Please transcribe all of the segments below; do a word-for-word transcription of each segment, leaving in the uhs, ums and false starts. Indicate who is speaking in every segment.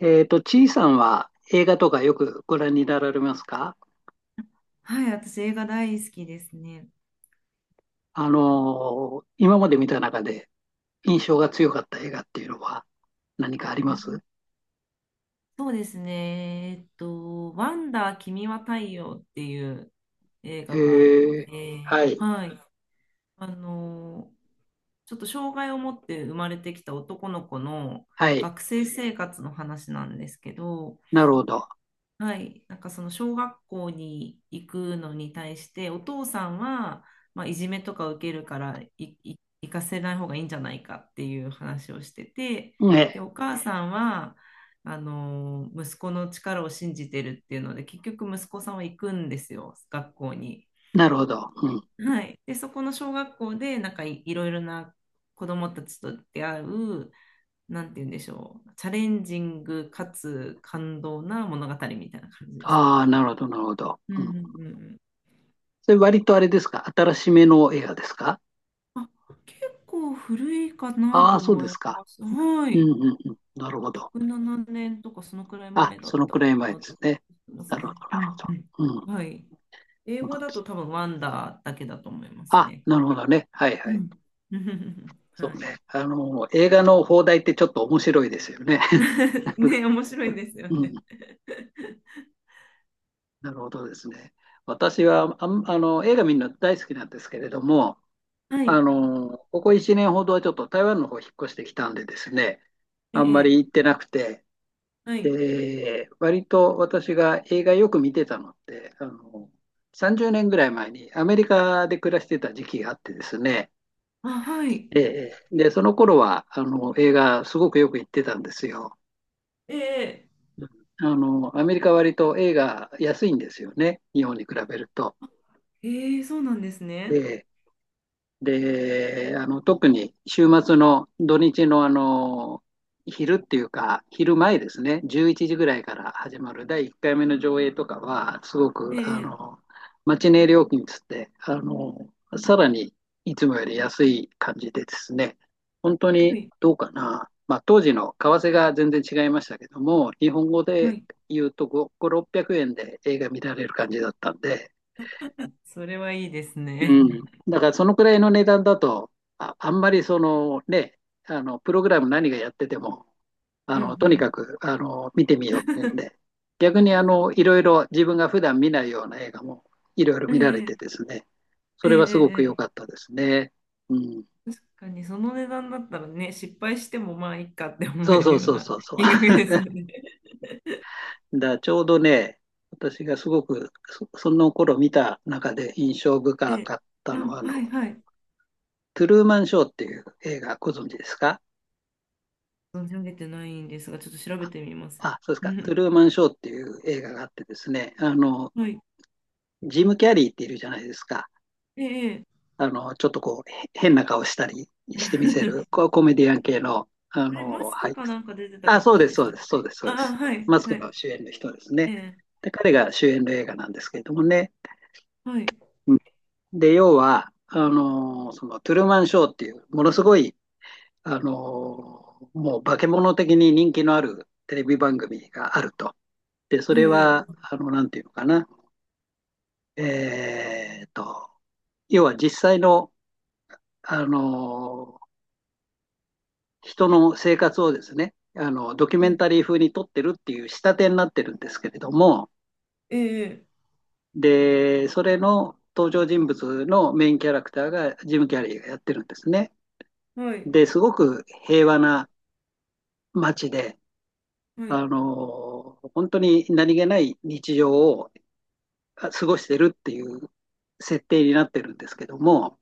Speaker 1: えっと、ちいさんは映画とかよくご覧になられますか？
Speaker 2: はい、私映画大好きですね。
Speaker 1: あのー今まで見た中で印象が強かった映画っていうのは何かありま
Speaker 2: あ、
Speaker 1: す？
Speaker 2: そうですね。えっと、ワンダー君は太陽っていう映
Speaker 1: へ
Speaker 2: 画があっ
Speaker 1: え、
Speaker 2: て、
Speaker 1: はい。
Speaker 2: はい。あの、ちょっと障害を持って生まれてきた男の子の
Speaker 1: はい、
Speaker 2: 学生生活の話なんですけど、
Speaker 1: なるほど。
Speaker 2: はい、なんかその小学校に行くのに対してお父さんは、まあ、いじめとか受けるからいい行かせない方がいいんじゃないかっていう話をしてて、
Speaker 1: ね、
Speaker 2: でお母さんはあの息子の力を信じてるっていうので結局息子さんは行くんですよ、学校に。
Speaker 1: なるほど。うん。
Speaker 2: はい、でそこの小学校でなんかい、いろいろな子どもたちと出会う、なんて言うんでしょう、チャレンジングかつ感動な物語みたいな感じです
Speaker 1: あ
Speaker 2: ね。
Speaker 1: あ、なるほど、なるほど。
Speaker 2: うんう
Speaker 1: う
Speaker 2: んう
Speaker 1: ん。
Speaker 2: んうん、
Speaker 1: それ、割とあれですか、新しめの映画ですか？
Speaker 2: あ、結構古いかな
Speaker 1: ああ
Speaker 2: と
Speaker 1: ー、そうで
Speaker 2: 思い
Speaker 1: すか。
Speaker 2: ます。は
Speaker 1: うん、
Speaker 2: い。
Speaker 1: うん、うん。なるほど。
Speaker 2: ろく、しちねんとかそのくらい
Speaker 1: あ、
Speaker 2: 前だ
Speaker 1: そ
Speaker 2: っ
Speaker 1: の
Speaker 2: た
Speaker 1: くら
Speaker 2: か
Speaker 1: い前で
Speaker 2: なと
Speaker 1: す
Speaker 2: 思
Speaker 1: ね。
Speaker 2: います
Speaker 1: な
Speaker 2: ね。
Speaker 1: るほど、
Speaker 2: う
Speaker 1: なる
Speaker 2: んうん。
Speaker 1: ほど。うん、そ
Speaker 2: はい。英
Speaker 1: うな
Speaker 2: 語
Speaker 1: ん
Speaker 2: だ
Speaker 1: で
Speaker 2: と
Speaker 1: す。
Speaker 2: 多分ワンダーだけだと思います
Speaker 1: あ、
Speaker 2: ね。
Speaker 1: なるほどね。はい、は
Speaker 2: う
Speaker 1: い。
Speaker 2: ん。
Speaker 1: そ
Speaker 2: は
Speaker 1: う
Speaker 2: い。
Speaker 1: ね。あの、映画の放題ってちょっと面白いですよね。
Speaker 2: ね、面白いんですよ
Speaker 1: うん、
Speaker 2: ね。
Speaker 1: なるほどですね。私はあん、あの、映画見るの大好きなんですけれども、
Speaker 2: は
Speaker 1: あ
Speaker 2: い。
Speaker 1: の、ここいちねんほどはちょっと台湾の方引っ越してきたんでですね、
Speaker 2: え
Speaker 1: あんまり
Speaker 2: え。
Speaker 1: 行ってなくて、
Speaker 2: はい。
Speaker 1: で、割と私が映画よく見てたのって、あの、さんじゅうねんぐらい前にアメリカで暮らしてた時期があってですね、
Speaker 2: あ、はい。
Speaker 1: ええ。で、その頃は、あの、映画すごくよく行ってたんですよ。
Speaker 2: ええ。
Speaker 1: あの、アメリカは割と A が安いんですよね。日本に比べると。
Speaker 2: ええ、そうなんですね。
Speaker 1: えで、あの、特に週末の土日のあの、昼っていうか、昼前ですね、じゅういちじぐらいから始まるだいいっかいめの上映とかは、すごく、
Speaker 2: え
Speaker 1: あ
Speaker 2: え。
Speaker 1: の、マチネ料金つって、あの、さらにいつもより安い感じでですね、本当
Speaker 2: は
Speaker 1: に
Speaker 2: い。
Speaker 1: どうかな、まあ、当時の為替が全然違いましたけども、日本語
Speaker 2: は
Speaker 1: で
Speaker 2: い。
Speaker 1: 言うとご、ろっぴゃくえんで映画見られる感じだったんで、
Speaker 2: それはいいです
Speaker 1: う
Speaker 2: ね。
Speaker 1: ん。だからそのくらいの値段だと、あ、あんまりそのね、あの、プログラム何がやってても、あ
Speaker 2: う
Speaker 1: の、とにか
Speaker 2: ん
Speaker 1: く、あの、見てみようっていうんで、逆にあの、いろいろ自分が普段見ないような映画もいろいろ
Speaker 2: うん。
Speaker 1: 見ら
Speaker 2: え
Speaker 1: れてで
Speaker 2: え。
Speaker 1: すね、そ
Speaker 2: ええ。
Speaker 1: れはすごく良
Speaker 2: え
Speaker 1: か
Speaker 2: え。
Speaker 1: ったですね。うん。
Speaker 2: 確かにその値段だったらね、失敗してもまあいいかって思
Speaker 1: そう
Speaker 2: え
Speaker 1: そ
Speaker 2: る
Speaker 1: う
Speaker 2: よう
Speaker 1: そう
Speaker 2: な
Speaker 1: そうそ う。
Speaker 2: 金 額ですよね。
Speaker 1: だからちょうどね、私がすごくそ、その頃見た中で印象深
Speaker 2: え、
Speaker 1: かっ たの
Speaker 2: あ、
Speaker 1: は、あ
Speaker 2: はい
Speaker 1: の、
Speaker 2: はい。
Speaker 1: トゥルーマンショーっていう映画ご存知ですか？
Speaker 2: 存じ上げてないんですが、ちょっと調べてみます。
Speaker 1: あ、そうです
Speaker 2: う
Speaker 1: か。トゥ
Speaker 2: ん、
Speaker 1: ルーマンショーっていう映画があってですね、あの、
Speaker 2: はい。
Speaker 1: ジム・キャリーっているじゃないですか。
Speaker 2: ええ。ええ。
Speaker 1: あの、ちょっとこう、へ変な顔したりしてみせる、こうコメディアン系の、あ
Speaker 2: あれ、マ
Speaker 1: の、
Speaker 2: ス
Speaker 1: 俳
Speaker 2: ク
Speaker 1: 優
Speaker 2: かなんか出てた
Speaker 1: さん。あ、そう
Speaker 2: 方
Speaker 1: です、
Speaker 2: でし
Speaker 1: そう
Speaker 2: た
Speaker 1: で
Speaker 2: っ
Speaker 1: す、そうで
Speaker 2: け。
Speaker 1: す、そうで
Speaker 2: ああ、
Speaker 1: す。
Speaker 2: はい、
Speaker 1: マスク
Speaker 2: は
Speaker 1: の
Speaker 2: い。
Speaker 1: 主演の人です
Speaker 2: え
Speaker 1: ね。
Speaker 2: え、
Speaker 1: で、彼が主演の映画なんですけれどもね。
Speaker 2: はい。
Speaker 1: うん。で、要は、あの、そのトゥルーマンショーっていう、ものすごい、あの、もう化け物的に人気のあるテレビ番組があると。で、そ
Speaker 2: え
Speaker 1: れ
Speaker 2: え、
Speaker 1: は、あの、なんていうのかな。えーと、要は実際の、あの、人の生活をですね、あの、ドキュ
Speaker 2: う
Speaker 1: メン
Speaker 2: ん、
Speaker 1: タリー風に撮ってるっていう仕立てになってるんですけれども、
Speaker 2: ええ、
Speaker 1: で、それの登場人物のメインキャラクターがジム・キャリーがやってるんですね。
Speaker 2: はい、
Speaker 1: で、すごく平和な街で、
Speaker 2: はい、
Speaker 1: あの、本当に何気ない日常を過ごしてるっていう設定になってるんですけども、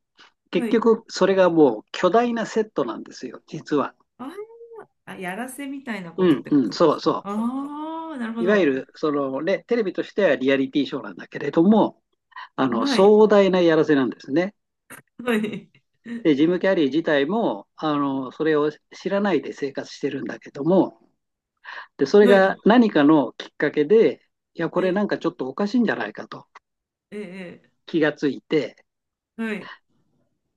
Speaker 2: は
Speaker 1: 結
Speaker 2: い。
Speaker 1: 局、それがもう巨大なセットなんですよ、実は。
Speaker 2: ああ、やらせみたいな
Speaker 1: う
Speaker 2: ことっ
Speaker 1: ん、
Speaker 2: て
Speaker 1: う
Speaker 2: こ
Speaker 1: ん、
Speaker 2: とで
Speaker 1: そう
Speaker 2: すか。
Speaker 1: そう。
Speaker 2: ああー、なるほ
Speaker 1: いわゆ
Speaker 2: ど。
Speaker 1: る、そのね、テレビとしてはリアリティショーなんだけれども、あの、
Speaker 2: はい、
Speaker 1: 壮大なやらせなんですね。
Speaker 2: はい、
Speaker 1: で、ジム・キャリー自体も、あの、それを知らないで生活してるんだけども、で、それ
Speaker 2: は
Speaker 1: が
Speaker 2: い。
Speaker 1: 何かのきっかけで、いや、これ
Speaker 2: ええ、
Speaker 1: なんかちょっとおかしいんじゃないかと
Speaker 2: ええ、え
Speaker 1: 気がついて、
Speaker 2: え、はい。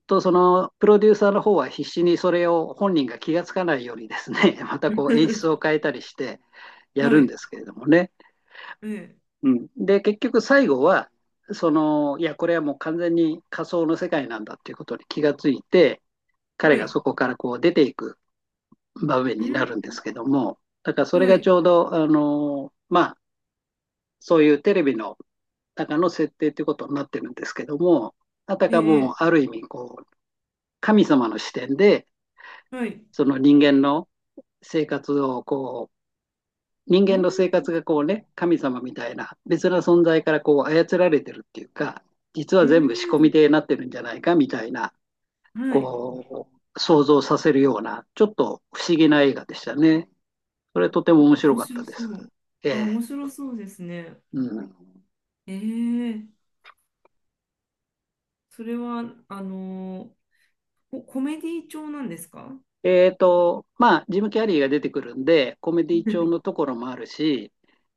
Speaker 1: とそのプロデューサーの方は必死にそれを本人が気がつかないようにですね、またこう演出を 変えたりしてや
Speaker 2: は
Speaker 1: るんで
Speaker 2: い。
Speaker 1: すけれどもね。
Speaker 2: ええ、
Speaker 1: うん、で、結局最後は、その、いや、これはもう完全に仮想の世界なんだっていうことに気がついて、彼
Speaker 2: は
Speaker 1: が
Speaker 2: い。
Speaker 1: そこからこう出ていく場面
Speaker 2: う
Speaker 1: にな
Speaker 2: ん、
Speaker 1: るんですけども、だからそれ
Speaker 2: は
Speaker 1: がち
Speaker 2: い。
Speaker 1: ょうど、あの、まあ、そういうテレビの中の設定ということになってるんですけども、あた
Speaker 2: え
Speaker 1: か
Speaker 2: え、
Speaker 1: もある意味こう、神様の視点で、
Speaker 2: はい。
Speaker 1: その人間の生活をこう、人
Speaker 2: うん、
Speaker 1: 間の生活がこうね、神様みたいな別な存在からこう操られてるっていうか、実
Speaker 2: う
Speaker 1: は全部仕込
Speaker 2: ん、
Speaker 1: みでなってるんじゃないかみたいな、
Speaker 2: はい。
Speaker 1: こう、想像させるような、ちょっと不思議な映画でしたね。それとても面白
Speaker 2: 面
Speaker 1: かった
Speaker 2: 白
Speaker 1: で
Speaker 2: そ
Speaker 1: す。
Speaker 2: う。
Speaker 1: え
Speaker 2: あ、面
Speaker 1: え、
Speaker 2: 白そうですね。
Speaker 1: うん。
Speaker 2: ええ、それは、あのこコメディ調なんですか？
Speaker 1: えっと、まあ、ジム・キャリーが出てくるんで、コメディ調のと ころもあるし、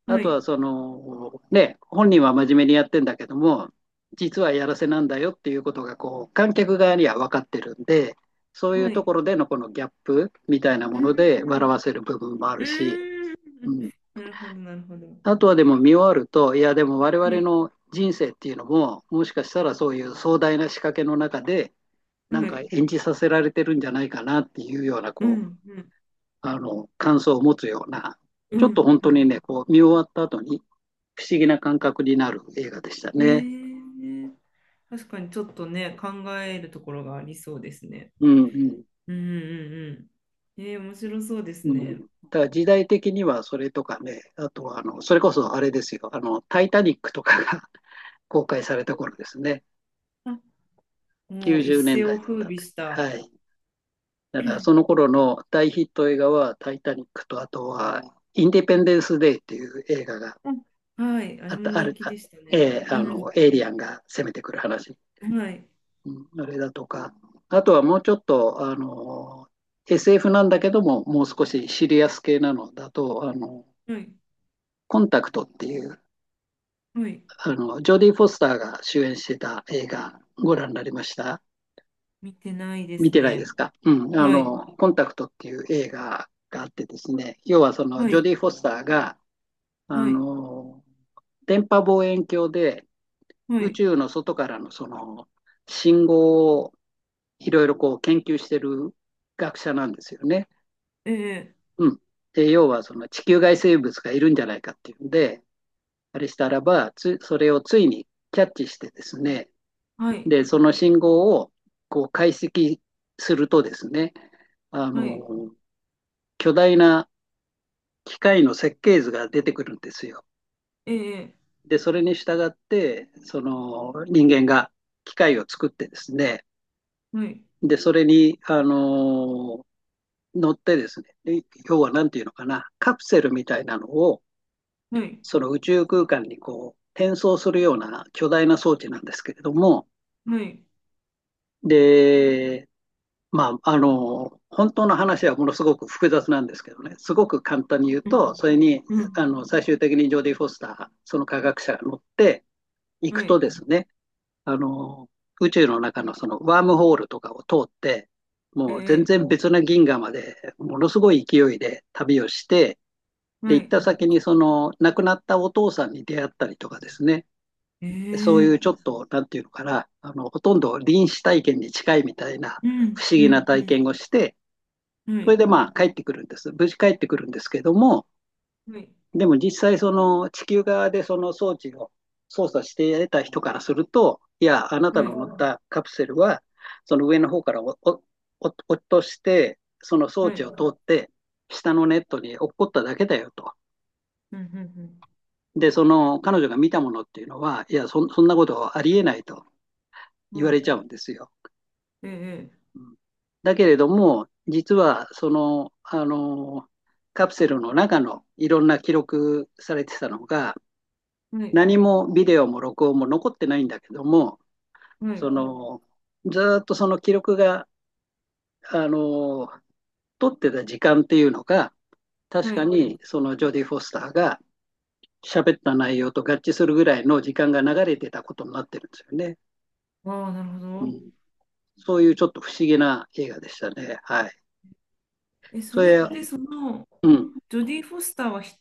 Speaker 1: あ
Speaker 2: は
Speaker 1: とは
Speaker 2: い。
Speaker 1: その、ね、本人は真面目にやってんだけども、実はやらせなんだよっていうことが、こう、観客側には分かってるんで、そうい
Speaker 2: は
Speaker 1: うと
Speaker 2: い。
Speaker 1: ころでのこのギャップみたいな
Speaker 2: う
Speaker 1: もの
Speaker 2: ん。
Speaker 1: で笑わせる部分もある
Speaker 2: う
Speaker 1: し、
Speaker 2: ん、
Speaker 1: うん。
Speaker 2: なるほど、なるほど。
Speaker 1: あとはでも見終わると、いや、でも我
Speaker 2: は
Speaker 1: 々
Speaker 2: い。
Speaker 1: の人生っていうのも、もしかしたらそういう壮大な仕掛けの中で、なん
Speaker 2: は
Speaker 1: か
Speaker 2: い。
Speaker 1: 演じさせられてるんじゃないかなっていうような、
Speaker 2: う
Speaker 1: こ
Speaker 2: ん、うん、
Speaker 1: う、あの、感想を持つような、
Speaker 2: う
Speaker 1: ちょっと
Speaker 2: ん、
Speaker 1: 本
Speaker 2: う
Speaker 1: 当に
Speaker 2: ん。
Speaker 1: ね、こう、見終わった後に不思議な感覚になる映画でした
Speaker 2: え
Speaker 1: ね。
Speaker 2: ー、確かにちょっとね、考えるところがありそうですね。
Speaker 1: うんうん
Speaker 2: うんうんうん。えー、面白そうです
Speaker 1: うん。だ
Speaker 2: ね。
Speaker 1: から時代的にはそれとかね、あとはあの、それこそあれですよ、あの、タイタニックとかが 公開された頃ですね。
Speaker 2: あ、もう
Speaker 1: 90
Speaker 2: 一
Speaker 1: 年
Speaker 2: 世
Speaker 1: 代だ
Speaker 2: を
Speaker 1: い
Speaker 2: 風
Speaker 1: だっ
Speaker 2: 靡し
Speaker 1: た
Speaker 2: た。
Speaker 1: んで。はい。だ
Speaker 2: う
Speaker 1: からそ
Speaker 2: ん、
Speaker 1: の頃の大ヒット映画はタイタニックと、あとはインディペンデンス・デイっていう映画が
Speaker 2: はい、あ
Speaker 1: あ
Speaker 2: れ
Speaker 1: っ
Speaker 2: も
Speaker 1: た、あ
Speaker 2: 人
Speaker 1: る、
Speaker 2: 気
Speaker 1: あ
Speaker 2: でしたね。
Speaker 1: えー
Speaker 2: う
Speaker 1: あの、
Speaker 2: ん、
Speaker 1: エイリアンが攻めてくる話。
Speaker 2: はい、
Speaker 1: うん、あれだとか、あとはもうちょっと、あの、エスエフ なんだけども、もう少しシリアス系なのだと、あの、
Speaker 2: はい、
Speaker 1: コンタクトっていう、
Speaker 2: はい。
Speaker 1: あの、ジョディ・フォスターが主演してた映画、ご覧になりました？
Speaker 2: 見てないで
Speaker 1: 見
Speaker 2: す
Speaker 1: てないです
Speaker 2: ね。
Speaker 1: か？うん、あ
Speaker 2: はい、
Speaker 1: の、コンタクトっていう映画があってですね、要はその、
Speaker 2: は
Speaker 1: ジョ
Speaker 2: い、
Speaker 1: ディ・フォスターが、あ
Speaker 2: はい、
Speaker 1: の、電波望遠鏡で
Speaker 2: は
Speaker 1: 宇
Speaker 2: い。
Speaker 1: 宙の外からのその、信号をいろいろこう研究してる学者なんですよね。
Speaker 2: ええ、
Speaker 1: うん。で、要はその地球外生物がいるんじゃないかっていうんで、あれしたらば、つ、それをついにキャッチしてですね、
Speaker 2: はい、
Speaker 1: で、その信号をこう解析するとですね、あ
Speaker 2: はい、
Speaker 1: の、巨大な機械の設計図が出てくるんですよ。
Speaker 2: ええ、
Speaker 1: で、それに従って、その人間が機械を作ってですね、
Speaker 2: はい、
Speaker 1: で、それに、あの、乗ってですね、で、要はなんていうのかな、カプセルみたいなのを、
Speaker 2: はい、
Speaker 1: その宇宙空間にこう、転送するような巨大な装置なんですけれども、
Speaker 2: はい。
Speaker 1: で、まあ、あの、本当の話はものすごく複雑なんですけどね、すごく簡単に言う
Speaker 2: う
Speaker 1: と、
Speaker 2: ん、
Speaker 1: それに、
Speaker 2: うん、
Speaker 1: あの、最終的にジョーディ・フォスター、その科学者が乗ってい
Speaker 2: は
Speaker 1: くと
Speaker 2: い、
Speaker 1: ですね、あの、宇宙の中のそのワームホールとかを通って、
Speaker 2: え
Speaker 1: もう全
Speaker 2: え、
Speaker 1: 然別な銀河まで、ものすごい勢いで旅をして、で、
Speaker 2: は
Speaker 1: 行っ
Speaker 2: い。
Speaker 1: た先にその亡くなったお父さんに出会ったりとかですね、そういう
Speaker 2: え
Speaker 1: ちょ
Speaker 2: え、
Speaker 1: っと、なんていうのかな、あの、ほとんど臨死体験に近いみたいな
Speaker 2: う
Speaker 1: 不
Speaker 2: ん、
Speaker 1: 思
Speaker 2: う
Speaker 1: 議な
Speaker 2: ん、
Speaker 1: 体
Speaker 2: う
Speaker 1: 験をして、
Speaker 2: ん。は
Speaker 1: それ
Speaker 2: い、
Speaker 1: でまあ帰ってくるんです。無事帰ってくるんですけども、
Speaker 2: はい、
Speaker 1: でも実際その地球側でその装置を操作して得た人からすると、いや、あなた
Speaker 2: は
Speaker 1: の
Speaker 2: い、
Speaker 1: 乗ったカプセルは、その上の方からおおお落として、その装
Speaker 2: は
Speaker 1: 置
Speaker 2: い、
Speaker 1: を通って、下のネットに落っこっただけだよと。
Speaker 2: うん、うん、
Speaker 1: で、その彼女が見たものっていうのは、いや、そそんなことありえないと
Speaker 2: うん。
Speaker 1: 言
Speaker 2: は
Speaker 1: われ
Speaker 2: い、
Speaker 1: ちゃうんですよ。
Speaker 2: ええ、
Speaker 1: だけれども、実はその、あの、カプセルの中のいろんな記録されてたのが、
Speaker 2: はい、
Speaker 1: 何もビデオも録音も残ってないんだけども、
Speaker 2: は
Speaker 1: そ
Speaker 2: い、
Speaker 1: の、ずっとその記録が、あの、撮ってた時間っていうのが、確
Speaker 2: は
Speaker 1: か
Speaker 2: い。
Speaker 1: にそのジョディ・フォスターが喋った内容と合致するぐらいの時間が流れてたことになってるんですよね。
Speaker 2: ああ、なるほ
Speaker 1: う
Speaker 2: ど。
Speaker 1: ん、そういうちょっと不思議な映画でしたね。はい。
Speaker 2: え、そ
Speaker 1: そ
Speaker 2: れって
Speaker 1: れ、
Speaker 2: その、
Speaker 1: うん。
Speaker 2: ジョディ・フォスターはひ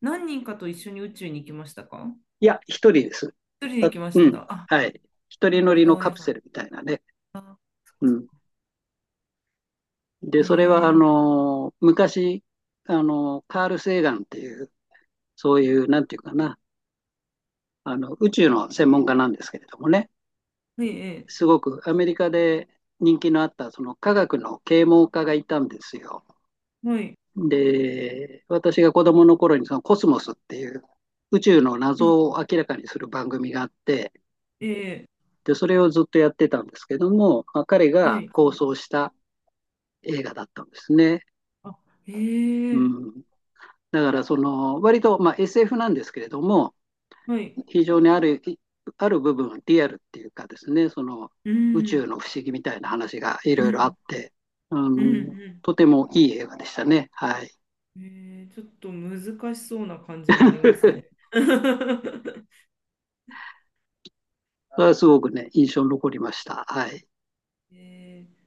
Speaker 2: 何人かと一緒に宇宙に行きましたか？
Speaker 1: いや、一人です。
Speaker 2: 一人で行
Speaker 1: た、
Speaker 2: きまし
Speaker 1: うん。
Speaker 2: た。あ、
Speaker 1: はい。一人乗
Speaker 2: 違
Speaker 1: りの
Speaker 2: う映
Speaker 1: カプ
Speaker 2: 画。
Speaker 1: セルみたいなね。
Speaker 2: あ、そっ
Speaker 1: う
Speaker 2: かそっ
Speaker 1: ん。
Speaker 2: か。
Speaker 1: で、
Speaker 2: え
Speaker 1: それは、あ
Speaker 2: ー、
Speaker 1: の、昔、あの、カール・セーガンっていう、そういう、なんていうかな、あの、宇宙の専門家なんですけれどもね、
Speaker 2: はい、え
Speaker 1: すごくアメリカで人気のあった、その科学の啓蒙家がいたんですよ。
Speaker 2: ー、はい、
Speaker 1: で、私が子供の頃に、そのコスモスっていう、宇宙の
Speaker 2: うん、
Speaker 1: 謎を明らかにする番組があって、
Speaker 2: え
Speaker 1: で、それをずっとやってたんですけども、まあ、彼
Speaker 2: ー、は
Speaker 1: が
Speaker 2: い、
Speaker 1: 構想した映画だったんですね。
Speaker 2: あ、え
Speaker 1: う
Speaker 2: ー、
Speaker 1: ん、だから、その、割と、まあ、エスエフ なんですけれども、
Speaker 2: はい、
Speaker 1: 非常にある、ある部分、リアルっていうかですね、その、
Speaker 2: う
Speaker 1: 宇
Speaker 2: ん、
Speaker 1: 宙の不思議みたいな話がい
Speaker 2: う
Speaker 1: ろいろあ
Speaker 2: ん、
Speaker 1: って、う
Speaker 2: うん、う
Speaker 1: ん、
Speaker 2: ん、
Speaker 1: とてもいい映画でしたね。はい。
Speaker 2: えー、ちょっと難しそうな感じもありますね。
Speaker 1: それはすごくね、印象に残りました。はい。
Speaker 2: えー